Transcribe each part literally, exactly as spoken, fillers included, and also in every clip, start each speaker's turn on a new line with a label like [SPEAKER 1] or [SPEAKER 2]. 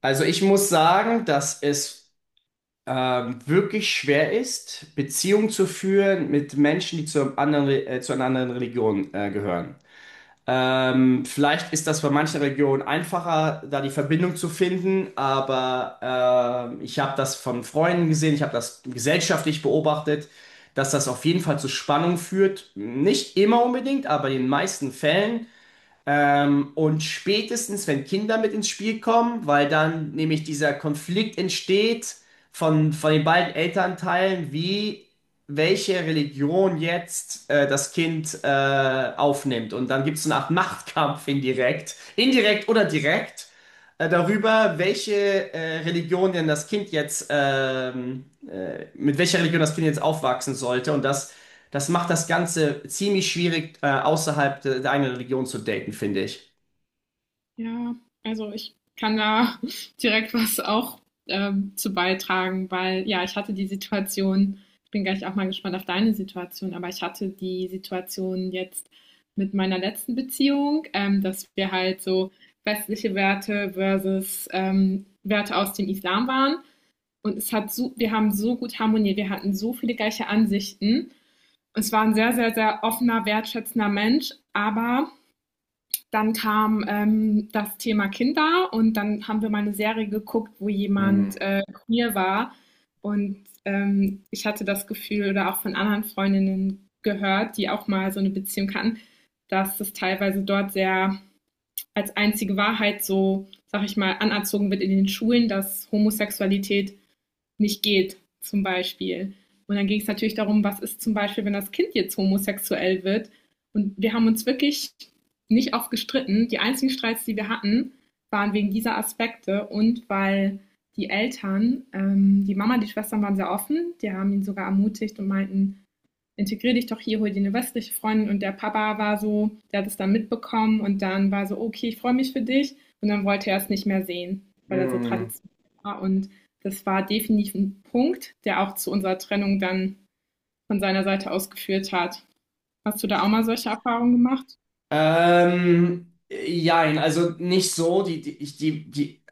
[SPEAKER 1] Also ich muss sagen, dass es ähm, wirklich schwer ist, Beziehungen zu führen mit Menschen, die zu, einem anderen, Re- äh, zu einer anderen Religion äh, gehören. Ähm, vielleicht ist das bei manchen Regionen einfacher, da die Verbindung zu finden, aber ähm, ich habe das von Freunden gesehen, ich habe das gesellschaftlich beobachtet, dass das auf jeden Fall zu Spannung führt. Nicht immer unbedingt, aber in den meisten Fällen. Ähm, und spätestens, wenn Kinder mit ins Spiel kommen, weil dann nämlich dieser Konflikt entsteht von, von den beiden Elternteilen, wie welche Religion jetzt äh, das Kind äh, aufnimmt. Und dann gibt es so eine Art Machtkampf indirekt, indirekt oder direkt, äh, darüber, welche äh, Religion denn das Kind jetzt, ähm, äh, mit welcher Religion das Kind jetzt aufwachsen sollte. Und das das macht das Ganze ziemlich schwierig, äh, außerhalb de- der eigenen Religion zu daten, finde ich.
[SPEAKER 2] Ja, also ich kann da direkt was auch ähm, zu beitragen, weil ja, ich hatte die Situation, ich bin gleich auch mal gespannt auf deine Situation, aber ich hatte die Situation jetzt mit meiner letzten Beziehung, ähm, dass wir halt so westliche Werte versus ähm, Werte aus dem Islam waren. Und es hat so, wir haben so gut harmoniert, wir hatten so viele gleiche Ansichten. Es war ein sehr, sehr, sehr offener, wertschätzender Mensch, aber dann kam ähm, das Thema Kinder und dann haben wir mal eine Serie geguckt, wo
[SPEAKER 1] Hm.
[SPEAKER 2] jemand äh, queer war. Und ähm, ich hatte das Gefühl oder auch von anderen Freundinnen gehört, die auch mal so eine Beziehung hatten, dass das teilweise dort sehr als einzige Wahrheit, so sag ich mal, anerzogen wird in den Schulen, dass Homosexualität nicht geht, zum Beispiel. Und dann ging es natürlich darum, was ist zum Beispiel, wenn das Kind jetzt homosexuell wird. Und wir haben uns wirklich nicht oft gestritten. Die einzigen Streits, die wir hatten, waren wegen dieser Aspekte und weil die Eltern, ähm, die Mama, die Schwestern waren sehr offen. Die haben ihn sogar ermutigt und meinten, integrier dich doch hier, hol dir eine westliche Freundin. Und der Papa war so, der hat es dann mitbekommen und dann war so, okay, ich freue mich für dich. Und dann wollte er es nicht mehr sehen, weil er so
[SPEAKER 1] Hm.
[SPEAKER 2] traditionell war. Und das war definitiv ein Punkt, der auch zu unserer Trennung dann von seiner Seite aus geführt hat. Hast du da auch mal solche Erfahrungen gemacht?
[SPEAKER 1] Ähm, jein, also nicht so. Die, die, ich- die, die,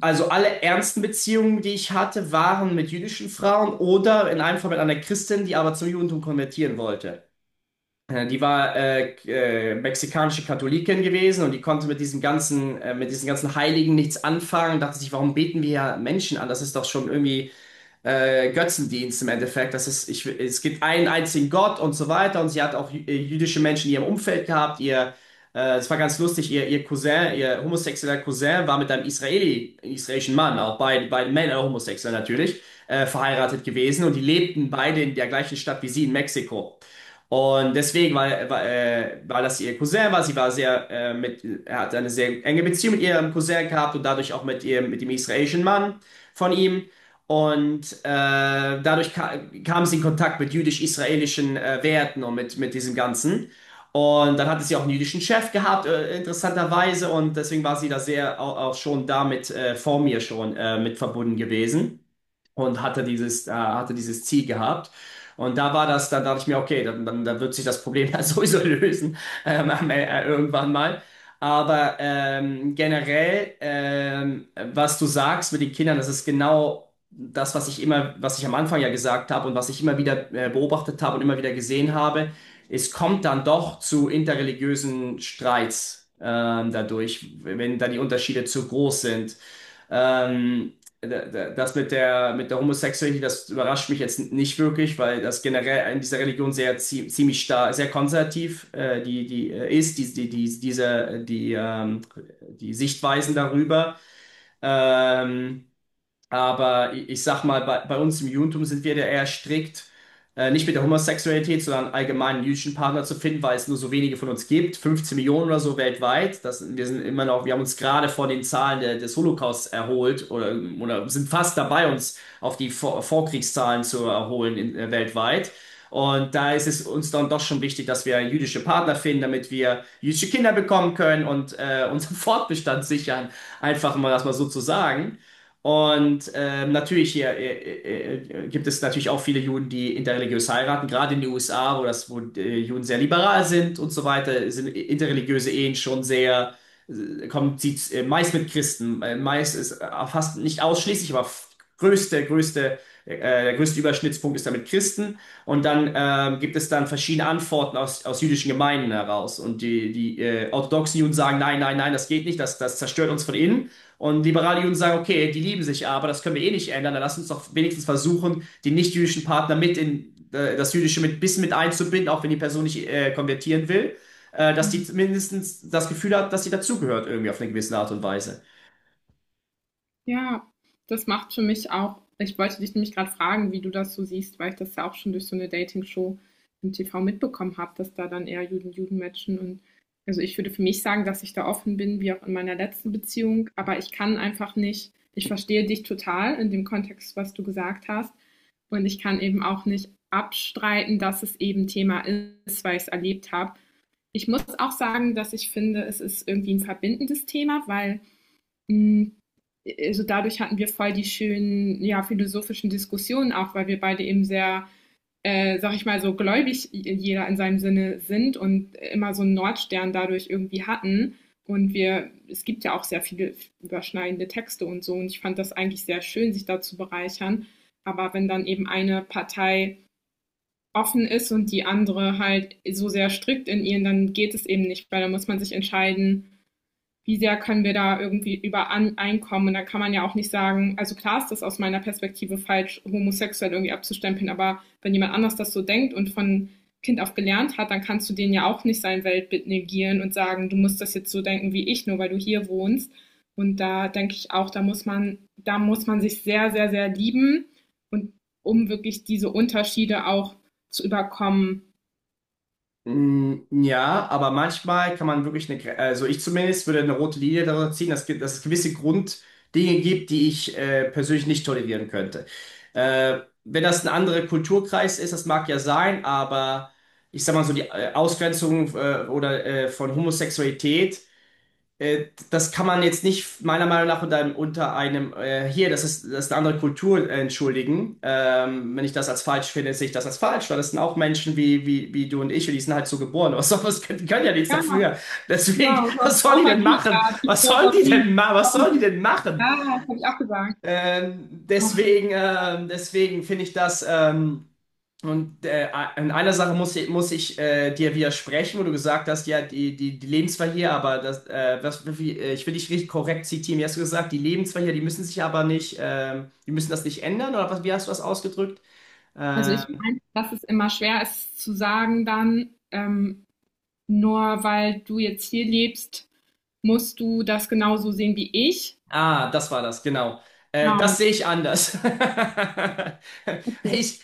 [SPEAKER 1] also alle ernsten Beziehungen, die ich hatte, waren mit jüdischen Frauen oder in einem Fall mit einer Christin, die aber zum Judentum konvertieren wollte. Äh, Die war äh, äh, mexikanische Katholikin gewesen und die konnte mit diesem ganzen, äh, mit diesen ganzen Heiligen nichts anfangen. Dachte sich, warum beten wir ja Menschen an? Das ist doch schon irgendwie äh, Götzendienst im Endeffekt. Das ist, ich, es gibt einen einzigen Gott und so weiter. Und sie hat auch jü- äh, jüdische Menschen in ihrem Umfeld gehabt. Ihr, äh, es war ganz lustig, ihr, ihr Cousin, ihr homosexueller Cousin war mit einem Israeli, israelischen Mann, auch beide, beide Männer homosexuell natürlich, äh, verheiratet gewesen. Und die lebten beide in der gleichen Stadt wie sie in Mexiko. Und deswegen, weil, weil, äh, weil das ihr Cousin war, sie war sehr, äh, mit, er hat eine sehr enge Beziehung mit ihrem Cousin gehabt und dadurch auch mit ihrem, mit dem israelischen Mann von ihm. Und äh, dadurch ka kam sie in Kontakt mit jüdisch-israelischen äh, Werten und mit, mit diesem Ganzen. Und dann hatte sie auch einen jüdischen Chef gehabt, äh, interessanterweise. Und deswegen war sie da sehr auch, auch schon damit äh, vor mir schon äh, mit verbunden gewesen und hatte dieses, äh, hatte dieses Ziel gehabt. Und da war das, dann dachte ich mir, okay, dann, dann, dann wird sich das Problem ja sowieso lösen, ähm, am- äh, irgendwann mal. Aber ähm, generell, ähm, was du sagst mit den Kindern, das ist genau das, was ich immer, was ich am Anfang ja gesagt habe und was ich immer wieder äh, beobachtet habe und immer wieder gesehen habe. Es kommt dann doch zu interreligiösen Streits ähm, dadurch, wenn da die Unterschiede zu groß sind. Ähm, das mit der, mit der Homosexualität, das überrascht mich jetzt nicht wirklich, weil das generell in dieser Religion sehr zie- ziemlich stark, sehr konservativ äh, die, die äh, ist, die, die, die, diese, die, ähm, die Sichtweisen darüber. Ähm, aber ich, ich sag mal, bei, bei uns im Judentum sind wir da eher strikt, äh, nicht mit der Homosexualität, sondern allgemein einen jüdischen Partner zu finden, weil es nur so wenige von uns gibt, fünfzehn Millionen oder so weltweit. Das, wir sind immer noch, wir haben uns gerade von den Zahlen der, des Holocausts erholt oder, oder sind fast dabei, uns auf die Vor Vorkriegszahlen zu erholen in, äh, weltweit. Und da ist es uns dann doch schon wichtig, dass wir jüdische Partner finden, damit wir jüdische Kinder bekommen können und äh, unseren Fortbestand sichern. Einfach mal das mal so zu sagen. Und ähm, natürlich hier äh, äh, äh, gibt es natürlich auch viele Juden, die interreligiös heiraten, gerade in den U S A, wo das, wo äh, Juden sehr liberal sind und so weiter, sind interreligiöse Ehen schon sehr, äh, kommt sieht äh, meist mit Christen, äh, meist ist äh, fast nicht ausschließlich, aber f- größte, größte, äh, der größte Überschnittspunkt ist damit Christen. Und dann ähm, gibt es dann verschiedene Antworten aus, aus jüdischen Gemeinden heraus. Und die, die äh, orthodoxen Juden sagen, nein, nein, nein, das geht nicht, das, das zerstört uns von innen. Und liberale Juden sagen, okay, die lieben sich aber, das können wir eh nicht ändern, dann lass uns doch wenigstens versuchen, den nicht-jüdischen Partner mit in äh, das Jüdische mit bis mit einzubinden, auch wenn die Person nicht äh, konvertieren will, äh, dass die
[SPEAKER 2] Mhm.
[SPEAKER 1] mindestens das Gefühl hat, dass sie dazugehört irgendwie auf eine gewisse Art und Weise.
[SPEAKER 2] Ja, das macht für mich auch, ich wollte dich nämlich gerade fragen, wie du das so siehst, weil ich das ja auch schon durch so eine Dating-Show im T V mitbekommen habe, dass da dann eher Juden Juden matchen. Und also, ich würde für mich sagen, dass ich da offen bin, wie auch in meiner letzten Beziehung, aber ich kann einfach nicht, ich verstehe dich total in dem Kontext, was du gesagt hast, und ich kann eben auch nicht abstreiten, dass es eben Thema ist, weil ich's erlebt habe. Ich muss auch sagen, dass ich finde, es ist irgendwie ein verbindendes Thema, weil hm, also dadurch hatten wir voll die schönen, ja, philosophischen Diskussionen auch, weil wir beide eben sehr, äh, sag ich mal, so gläubig jeder in seinem Sinne sind und immer so einen Nordstern dadurch irgendwie hatten. Und wir, es gibt ja auch sehr viele überschneidende Texte und so. Und ich fand das eigentlich sehr schön, sich da zu bereichern. Aber wenn dann eben eine Partei offen ist und die andere halt so sehr strikt in ihren, dann geht es eben nicht, weil da muss man sich entscheiden, wie sehr können wir da irgendwie übereinkommen? Und da kann man ja auch nicht sagen, also klar ist das aus meiner Perspektive falsch, homosexuell irgendwie abzustempeln, aber wenn jemand anders das so denkt und von Kind auf gelernt hat, dann kannst du denen ja auch nicht sein Weltbild negieren und sagen, du musst das jetzt so denken wie ich, nur weil du hier wohnst. Und da denke ich auch, da muss man, da muss man sich sehr, sehr, sehr lieben und um wirklich diese Unterschiede auch zu überkommen.
[SPEAKER 1] Mm. Ja, aber manchmal kann man wirklich eine, Gre- also ich zumindest würde eine rote Linie darüber ziehen, dass, ge- dass es gewisse Grunddinge gibt, die ich äh, persönlich nicht tolerieren könnte. Äh, wenn das ein anderer Kulturkreis ist, das mag ja sein, aber ich sag mal so die äh, Ausgrenzung äh, oder äh, von Homosexualität äh, das kann man jetzt nicht meiner Meinung nach unter einem, unter einem äh, hier, das ist, das ist eine andere Kultur, äh, entschuldigen. Ähm, wenn ich das als falsch finde, sehe ich das als falsch, weil das sind auch Menschen wie, wie, wie du und ich und die sind halt so geboren. Was soll, was können, die können ja nichts
[SPEAKER 2] Ja,
[SPEAKER 1] dafür. Deswegen,
[SPEAKER 2] wow, du
[SPEAKER 1] was
[SPEAKER 2] hast
[SPEAKER 1] sollen
[SPEAKER 2] auch
[SPEAKER 1] die denn
[SPEAKER 2] erklärt,
[SPEAKER 1] machen? Was
[SPEAKER 2] warum,
[SPEAKER 1] sollen die denn ma was sollen die
[SPEAKER 2] warum.
[SPEAKER 1] denn machen?
[SPEAKER 2] Ja, das habe ich auch gesagt.
[SPEAKER 1] Ähm, deswegen, ähm, deswegen finde ich das. Ähm, und äh, in einer Sache muss ich, muss ich äh, dir widersprechen, wo du gesagt hast, ja, die, die, die leben hier, aber das, äh, was, wie, äh, ich will dich richtig korrekt zitieren. Wie hast du gesagt, die leben hier, die müssen sich aber nicht, ähm, die müssen das nicht ändern, oder was, wie hast du das ausgedrückt?
[SPEAKER 2] Also
[SPEAKER 1] Äh,
[SPEAKER 2] ich meine, dass es immer schwer ist zu sagen dann, ähm, nur weil du jetzt hier lebst, musst du das genauso sehen wie ich.
[SPEAKER 1] Ah, das war das, genau. Äh, das
[SPEAKER 2] Genau.
[SPEAKER 1] sehe ich anders.
[SPEAKER 2] Okay.
[SPEAKER 1] Ich,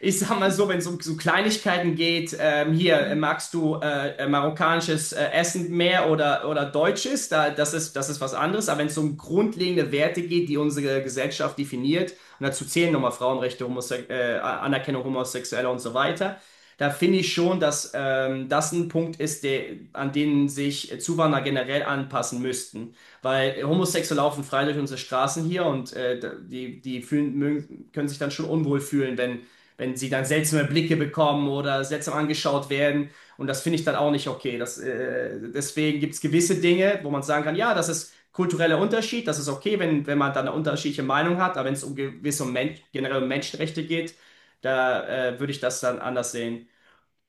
[SPEAKER 1] ich sag mal so, wenn es um so Kleinigkeiten geht, ähm, hier, äh, magst du äh, äh, marokkanisches äh, Essen mehr oder, oder deutsches? Da, das ist, das ist was anderes. Aber wenn es um grundlegende Werte geht, die unsere Gesellschaft definiert, und dazu zählen nochmal Frauenrechte, Homose äh, Anerkennung Homosexueller und so weiter, da finde ich schon, dass ähm, das ein Punkt ist, der, an den sich Zuwanderer generell anpassen müssten. Weil Homosexuelle laufen frei durch unsere Straßen hier und äh, die, die fühlen, mögen, können sich dann schon unwohl fühlen, wenn, wenn sie dann seltsame Blicke bekommen oder seltsam angeschaut werden. Und das finde ich dann auch nicht okay. Das, äh, deswegen gibt es gewisse Dinge, wo man sagen kann, ja, das ist kultureller Unterschied, das ist okay, wenn, wenn man dann eine unterschiedliche Meinung hat, aber wenn es um gewisse Men generell um Menschenrechte geht, da äh, würde ich das dann anders sehen.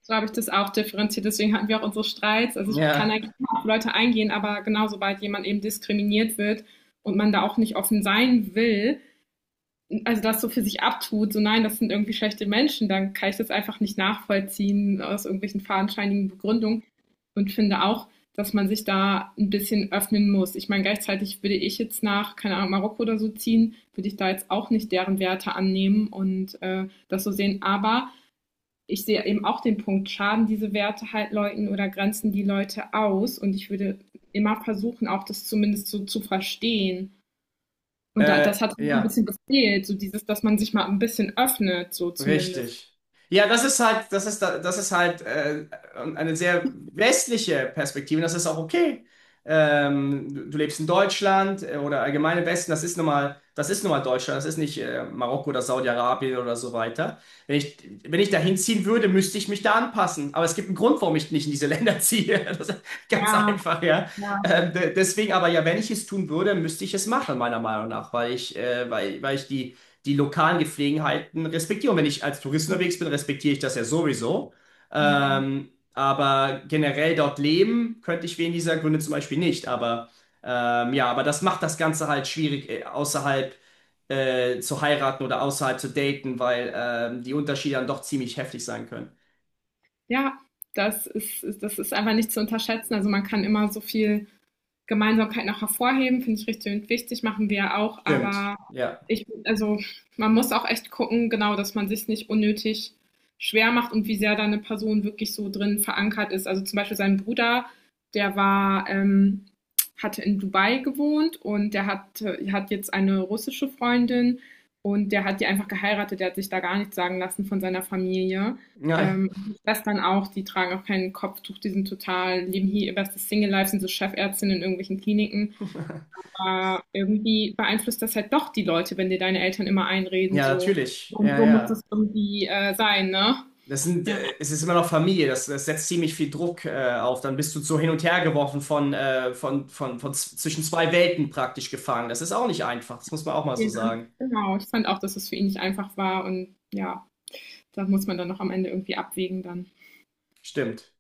[SPEAKER 2] So habe ich das auch differenziert. Deswegen hatten wir auch unsere Streits. Also ich kann
[SPEAKER 1] Ja,
[SPEAKER 2] eigentlich immer auf Leute eingehen, aber genau sobald jemand eben diskriminiert wird und man da auch nicht offen sein will, also das so für sich abtut, so nein, das sind irgendwie schlechte Menschen, dann kann ich das einfach nicht nachvollziehen aus irgendwelchen fadenscheinigen Begründungen und finde auch, dass man sich da ein bisschen öffnen muss. Ich meine, gleichzeitig würde ich jetzt nach, keine Ahnung, Marokko oder so ziehen, würde ich da jetzt auch nicht deren Werte annehmen und äh, das so sehen. Aber ich sehe eben auch den Punkt, schaden diese Werte halt Leuten oder grenzen die Leute aus? Und ich würde immer versuchen, auch das zumindest so zu verstehen und da,
[SPEAKER 1] äh,
[SPEAKER 2] das hat so ein
[SPEAKER 1] ja.
[SPEAKER 2] bisschen gefehlt, so dieses, dass man sich mal ein bisschen öffnet, so zumindest.
[SPEAKER 1] Richtig. Ja, das ist halt, das ist, da- das ist halt äh, eine sehr westliche Perspektive. Das ist auch okay. Ähm, du, du lebst in Deutschland äh, oder allgemein im Westen. Das ist nun mal, das ist nun mal Deutschland. Das ist nicht äh, Marokko oder Saudi-Arabien oder so weiter. Wenn ich, wenn ich dahin ziehen würde, müsste ich mich da anpassen. Aber es gibt einen Grund, warum ich nicht in diese Länder ziehe. Das ist ganz
[SPEAKER 2] Ja,
[SPEAKER 1] einfach, ja.
[SPEAKER 2] ja,
[SPEAKER 1] Ähm, de- deswegen aber ja, wenn ich es tun würde, müsste ich es machen, meiner Meinung nach, weil ich, äh, weil, weil ich die die lokalen Gepflogenheiten respektiere. Und wenn ich als Tourist unterwegs bin, respektiere ich das ja sowieso.
[SPEAKER 2] aber
[SPEAKER 1] Ähm, aber generell dort leben könnte ich wegen dieser Gründe zum Beispiel nicht. Aber ähm, ja, aber das macht das Ganze halt schwierig, äh, außerhalb äh, zu heiraten oder außerhalb zu daten, weil ähm, die Unterschiede dann doch ziemlich heftig sein können.
[SPEAKER 2] ja, das ist, ist- das ist einfach nicht zu unterschätzen. Also man kann immer so viel Gemeinsamkeit noch hervorheben, finde ich richtig und wichtig, machen wir ja auch,
[SPEAKER 1] Stimmt,
[SPEAKER 2] aber
[SPEAKER 1] ja.
[SPEAKER 2] ich, also man muss auch echt gucken, genau, dass man sich nicht unnötig schwer macht und wie sehr da eine Person wirklich so drin verankert ist. Also zum Beispiel sein Bruder, der war, ähm, hatte in Dubai gewohnt und der hat, hat jetzt eine russische Freundin und der hat die einfach geheiratet, der hat sich da gar nichts sagen lassen von seiner Familie.
[SPEAKER 1] Ja,
[SPEAKER 2] Ähm, das dann auch, die tragen auch kein Kopftuch, die sind total, leben hier ihr bestes Single-Life, sind so Chefärztinnen in irgendwelchen Kliniken. Aber irgendwie beeinflusst das halt doch die Leute, wenn dir deine Eltern immer einreden,
[SPEAKER 1] ja,
[SPEAKER 2] so.
[SPEAKER 1] natürlich.
[SPEAKER 2] Und
[SPEAKER 1] Ja,
[SPEAKER 2] so muss das
[SPEAKER 1] ja.
[SPEAKER 2] irgendwie äh, sein, ne?
[SPEAKER 1] Das sind,
[SPEAKER 2] Ja,
[SPEAKER 1] äh, es ist immer noch Familie, das, das setzt ziemlich viel Druck äh, auf. Dann bist du so hin und her geworfen von, äh, von, von, von z- zwischen zwei Welten praktisch gefangen. Das ist auch nicht einfach, das muss man auch mal so
[SPEAKER 2] ja,
[SPEAKER 1] sagen.
[SPEAKER 2] genau. Ich fand auch, dass es für ihn nicht einfach war und ja, da muss man dann noch am Ende irgendwie abwägen dann.
[SPEAKER 1] Stimmt.